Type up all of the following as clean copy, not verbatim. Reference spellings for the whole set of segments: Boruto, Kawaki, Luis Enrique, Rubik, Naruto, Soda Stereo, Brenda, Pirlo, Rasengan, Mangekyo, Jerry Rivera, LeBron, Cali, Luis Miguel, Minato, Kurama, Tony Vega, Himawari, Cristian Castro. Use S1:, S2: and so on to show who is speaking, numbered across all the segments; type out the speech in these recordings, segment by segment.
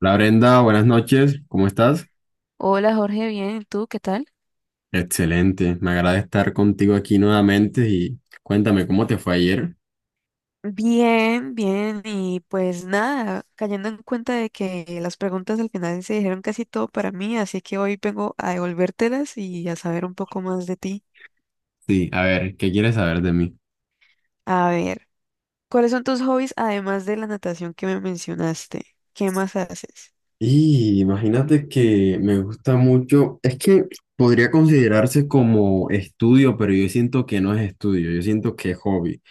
S1: Hola Brenda, buenas noches, ¿cómo estás?
S2: Hola Jorge, bien, ¿y tú qué tal?
S1: Excelente, me agrada estar contigo aquí nuevamente y cuéntame cómo te fue ayer.
S2: Bien, bien, y pues nada, cayendo en cuenta de que las preguntas al final se dijeron casi todo para mí, así que hoy vengo a devolvértelas y a saber un poco más de ti.
S1: Sí, a ver, ¿qué quieres saber de mí?
S2: A ver, ¿cuáles son tus hobbies además de la natación que me mencionaste? ¿Qué más haces?
S1: Y imagínate que me gusta mucho, es que podría considerarse como estudio, pero yo siento que no es estudio, yo siento que es hobby.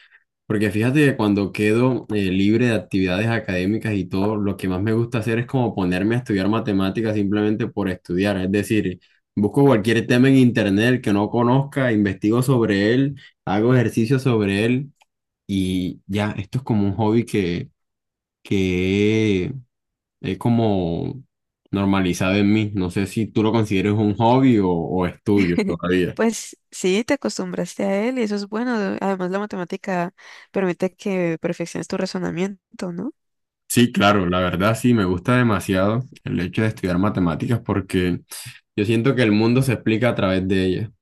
S1: Porque fíjate que cuando quedo libre de actividades académicas y todo, lo que más me gusta hacer es como ponerme a estudiar matemáticas simplemente por estudiar. Es decir, busco cualquier tema en internet que no conozca, investigo sobre él, hago ejercicio sobre él y ya, esto es como un hobby que he como normalizado en mí. No sé si tú lo consideres un hobby o estudio todavía.
S2: Pues sí, te acostumbraste a él y eso es bueno. Además, la matemática permite que perfecciones tu razonamiento, ¿no?
S1: Sí, claro, la verdad sí, me gusta demasiado el hecho de estudiar matemáticas porque. Yo siento que el mundo se explica a través de ella.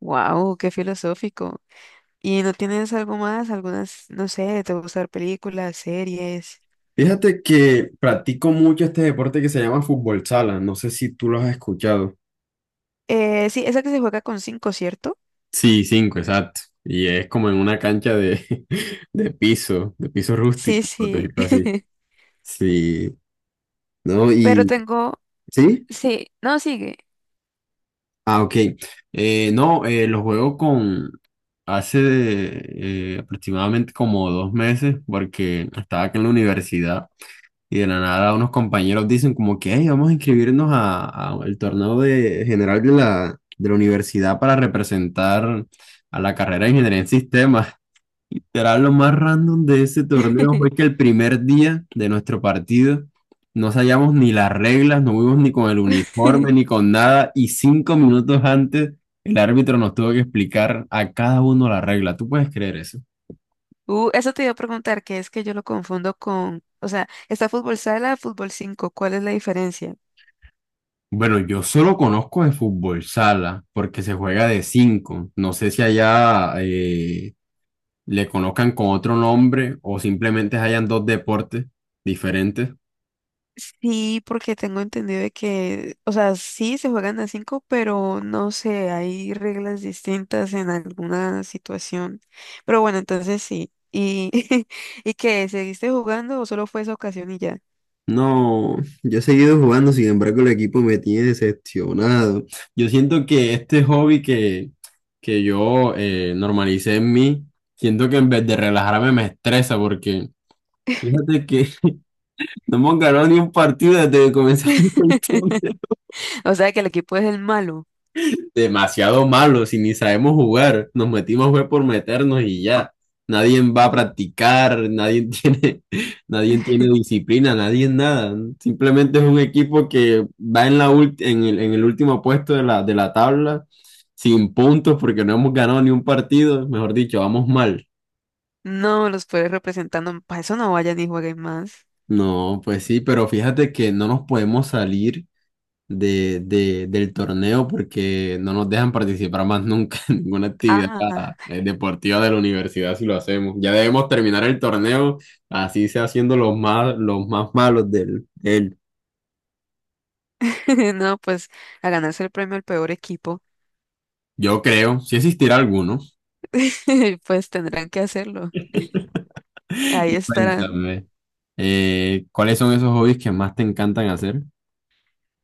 S2: Wow, qué filosófico. ¿Y no tienes algo más? Algunas, no sé, te gusta ver películas, series.
S1: Fíjate que practico mucho este deporte que se llama fútbol sala. No sé si tú lo has escuchado.
S2: Sí, esa que se juega con cinco, ¿cierto?
S1: Sí, cinco, exacto. Y es como en una cancha de piso
S2: Sí,
S1: rústico, por
S2: sí.
S1: decirlo así. Sí, no,
S2: Pero
S1: y
S2: tengo,
S1: sí.
S2: sí, no, sigue.
S1: Ah, ok. No, lo juego con hace aproximadamente como 2 meses porque estaba aquí en la universidad. Y de la nada unos compañeros dicen como que "Ey, vamos a inscribirnos a el torneo general de la universidad para representar a la carrera de ingeniería en sistemas. Literal, lo más random de ese torneo fue que el primer día de nuestro partido no sabíamos ni las reglas, no fuimos ni con el uniforme, ni con nada, y 5 minutos antes el árbitro nos tuvo que explicar a cada uno la regla. ¿Tú puedes creer eso?
S2: Eso te iba a preguntar, que es que yo lo confundo con, o sea, está fútbol sala, fútbol cinco, ¿cuál es la diferencia?
S1: Bueno, yo solo conozco de fútbol sala porque se juega de cinco. No sé si allá le conozcan con otro nombre o simplemente hayan dos deportes diferentes.
S2: Sí, porque tengo entendido de que, o sea, sí se juegan a cinco, pero no sé, hay reglas distintas en alguna situación. Pero bueno, entonces sí. ¿Y, y qué? ¿Seguiste jugando o solo fue esa ocasión y ya?
S1: No, yo he seguido jugando, sin embargo el equipo me tiene decepcionado. Yo siento que este hobby que yo normalicé en mí, siento que en vez de relajarme me estresa porque fíjate que no hemos ganado ni un partido desde que comenzamos con esto.
S2: O sea, que el equipo es el malo.
S1: Demasiado malos y ni sabemos jugar. Nos metimos fue por meternos y ya. Nadie va a practicar, nadie tiene, nadie tiene disciplina, nadie nada. Simplemente es un equipo que va en el último puesto de la tabla sin puntos porque no hemos ganado ni un partido. Mejor dicho, vamos mal.
S2: No los puedes representando. Para eso no vayan y jueguen más.
S1: No, pues sí, pero fíjate que no nos podemos salir del torneo porque no nos dejan participar más nunca en ninguna actividad
S2: Ah,
S1: deportiva de la universidad si lo hacemos. Ya debemos terminar el torneo, así sea siendo los más malos
S2: no, pues a ganarse el premio al peor equipo,
S1: yo creo, si existirá alguno.
S2: pues tendrán que hacerlo. Ahí
S1: Y
S2: estarán.
S1: cuéntame, ¿cuáles son esos hobbies que más te encantan hacer?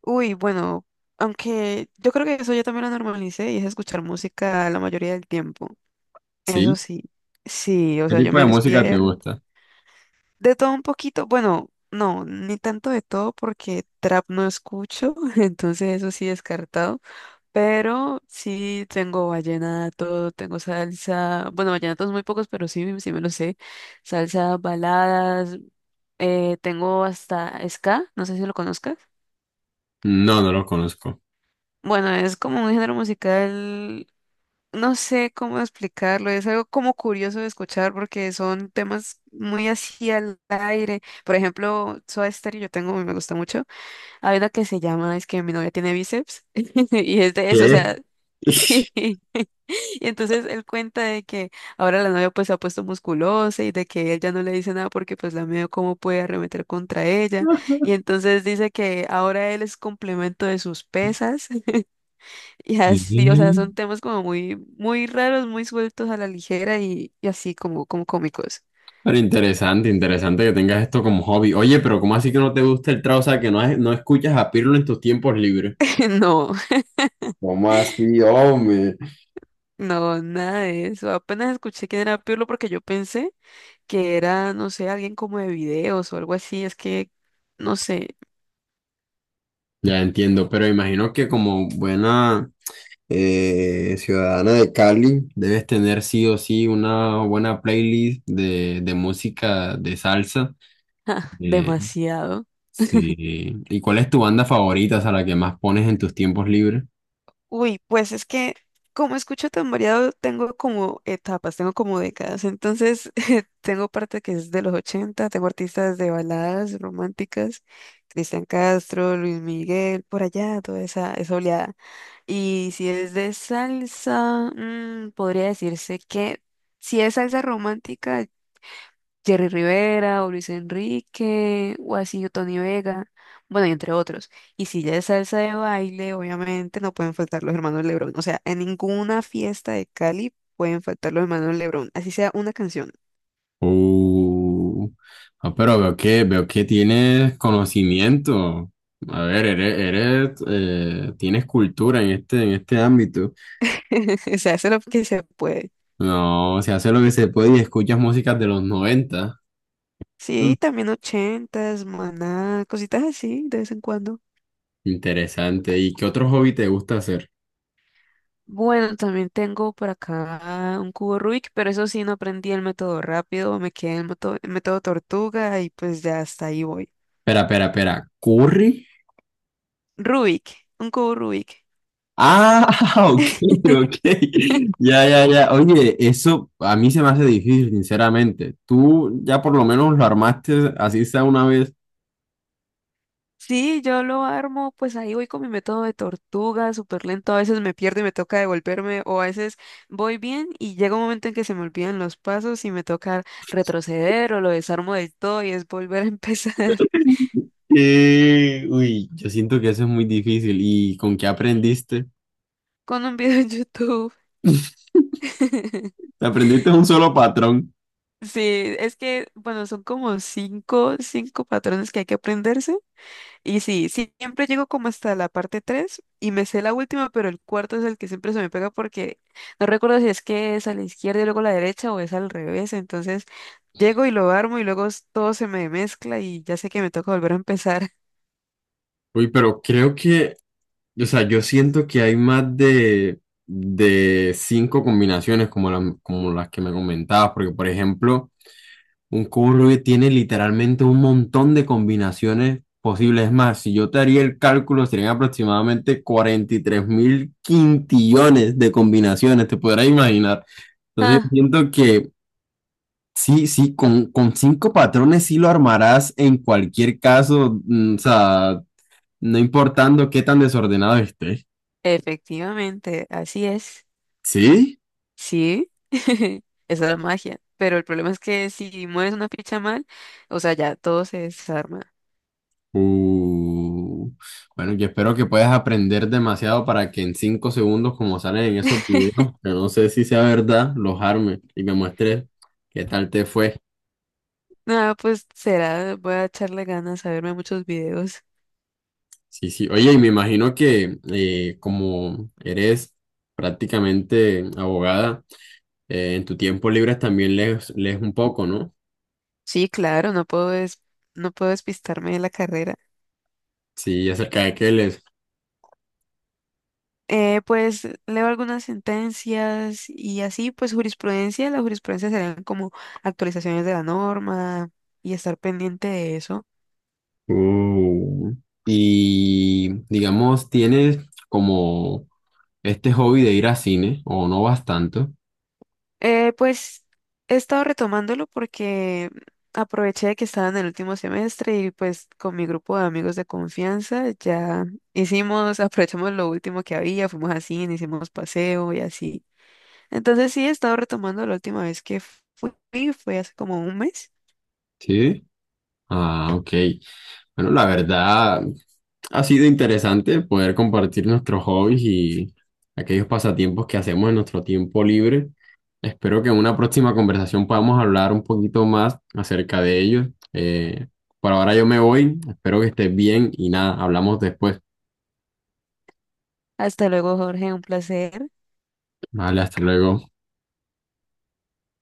S2: Uy, bueno, aunque yo creo que eso yo también lo normalicé y es escuchar música la mayoría del tiempo. Eso
S1: ¿Sí?
S2: sí, sí, o
S1: ¿Qué
S2: sea, yo
S1: tipo de
S2: me
S1: música te
S2: despierto
S1: gusta?
S2: de todo un poquito, bueno, no, ni tanto de todo porque trap no escucho, entonces eso sí descartado, pero sí tengo vallenato, tengo salsa, bueno, vallenatos muy pocos, pero sí, sí me lo sé, salsa, baladas, tengo hasta ska, no sé si lo conozcas.
S1: No, no los conozco.
S2: Bueno, es como un género musical. No sé cómo explicarlo, es algo como curioso de escuchar porque son temas muy así al aire. Por ejemplo, Soda Stereo, yo tengo, me gusta mucho. Hay una que se llama, es que mi novia tiene bíceps, y es de eso, o
S1: ¿Qué?
S2: sea, sí. Y entonces él cuenta de que ahora la novia pues se ha puesto musculosa y de que él ya no le dice nada porque pues la miedo cómo puede arremeter contra ella. Y entonces dice que ahora él es complemento de sus pesas y
S1: ¿Qué?
S2: así, o sea, son temas como muy, muy raros, muy sueltos a la ligera y así como, como cómicos.
S1: Pero interesante, interesante que tengas esto como hobby. Oye, pero ¿cómo así que no te gusta el trap? O sea, que no, no escuchas a Pirlo en tus tiempos libres.
S2: No,
S1: ¿Cómo así, hombre?
S2: no, nada de eso. Apenas escuché quién era Pirlo porque yo pensé que era, no sé, alguien como de videos o algo así. Es que, no sé,
S1: Ya entiendo, pero imagino que como buena ciudadana de Cali, debes tener sí o sí una buena playlist de música de salsa. Eh,
S2: demasiado.
S1: sí. ¿Y cuál es tu banda favorita, o sea, la que más pones en tus tiempos libres?
S2: Uy, pues es que como escucho tan variado, tengo como etapas, tengo como décadas. Entonces, tengo parte que es de los 80, tengo artistas de baladas románticas, Cristian Castro, Luis Miguel, por allá, toda esa, esa oleada. Y si es de salsa, mm, podría decirse que si es salsa romántica, Jerry Rivera o Luis Enrique o así, o Tony Vega, bueno, y entre otros. Y si ya es salsa de baile, obviamente no pueden faltar los hermanos LeBron. O sea, en ninguna fiesta de Cali pueden faltar los hermanos LeBron, así sea una canción.
S1: Uh, ah, pero veo que, tienes conocimiento. A ver, eres, eres, tienes cultura en este ámbito.
S2: O sea, eso es lo que se puede.
S1: No, se hace lo que se puede y escuchas músicas de los 90. Mm.
S2: Sí, también ochentas, maná, cositas así de vez en cuando.
S1: Interesante. ¿Y qué otro hobby te gusta hacer?
S2: Bueno, también tengo por acá un cubo Rubik, pero eso sí, no aprendí el método rápido, me quedé en el método tortuga y pues ya hasta ahí voy.
S1: Espera, espera, espera. ¿Curry?
S2: Rubik, un cubo Rubik.
S1: Ah, ok, ok. Ya, ya, ya. Oye, eso a mí se me hace difícil, sinceramente. Tú ya por lo menos lo armaste así sea una vez.
S2: Sí, yo lo armo, pues ahí voy con mi método de tortuga, súper lento. A veces me pierdo y me toca devolverme, o a veces voy bien y llega un momento en que se me olvidan los pasos y me toca retroceder o lo desarmo del todo y es volver a empezar.
S1: Uy, yo siento que eso es muy difícil. ¿Y con qué aprendiste?
S2: Con un video en YouTube.
S1: Aprendiste un solo patrón.
S2: Sí, es que, bueno, son como cinco patrones que hay que aprenderse. Y sí, sí, siempre llego como hasta la parte 3 y me sé la última, pero el cuarto es el que siempre se me pega porque no recuerdo si es que es a la izquierda y luego a la derecha o es al revés. Entonces llego y lo armo y luego todo se me mezcla y ya sé que me toca volver a empezar.
S1: Uy, pero creo que, o sea, yo siento que hay más de cinco combinaciones como, como las que me comentabas, porque por ejemplo, un cubo Rubik tiene literalmente un montón de combinaciones posibles. Es más, si yo te haría el cálculo, serían aproximadamente 43 mil quintillones de combinaciones, te podrás imaginar. Entonces yo
S2: Ah,
S1: siento que. Sí, sí, con cinco patrones sí lo armarás en cualquier caso, o sea, no importando qué tan desordenado esté.
S2: efectivamente, así es.
S1: ¿Sí?
S2: Sí, esa es la magia. Pero el problema es que si mueves una ficha mal, o sea, ya todo se desarma.
S1: Uh, bueno, yo espero que puedas aprender demasiado para que en 5 segundos, como salen en esos videos, que no sé si sea verdad, los arme y me muestres qué tal te fue.
S2: Nada, pues será, voy a echarle ganas a verme muchos videos.
S1: Sí, sí. Oye, y me imagino que como eres prácticamente abogada, en tu tiempo libre también lees, un poco, ¿no?
S2: Sí, claro, no puedo despistarme de la carrera.
S1: Sí, acerca de Keles.
S2: Pues leo algunas sentencias y así, pues jurisprudencia, la jurisprudencia serían como actualizaciones de la norma y estar pendiente de eso.
S1: Uh, y digamos, tienes como este hobby de ir a cine, o no vas tanto,
S2: Pues he estado retomándolo porque aproveché que estaba en el último semestre y pues con mi grupo de amigos de confianza ya hicimos, aprovechamos lo último que había, fuimos a cine, hicimos paseo y así. Entonces sí, he estado retomando la última vez que fui, fue hace como un mes.
S1: ¿sí? Ah, ok. Bueno, la verdad, ha sido interesante poder compartir nuestros hobbies y aquellos pasatiempos que hacemos en nuestro tiempo libre. Espero que en una próxima conversación podamos hablar un poquito más acerca de ellos. Eh, por ahora yo me voy, espero que estés bien y nada, hablamos después.
S2: Hasta luego, Jorge, un placer.
S1: Vale, hasta luego.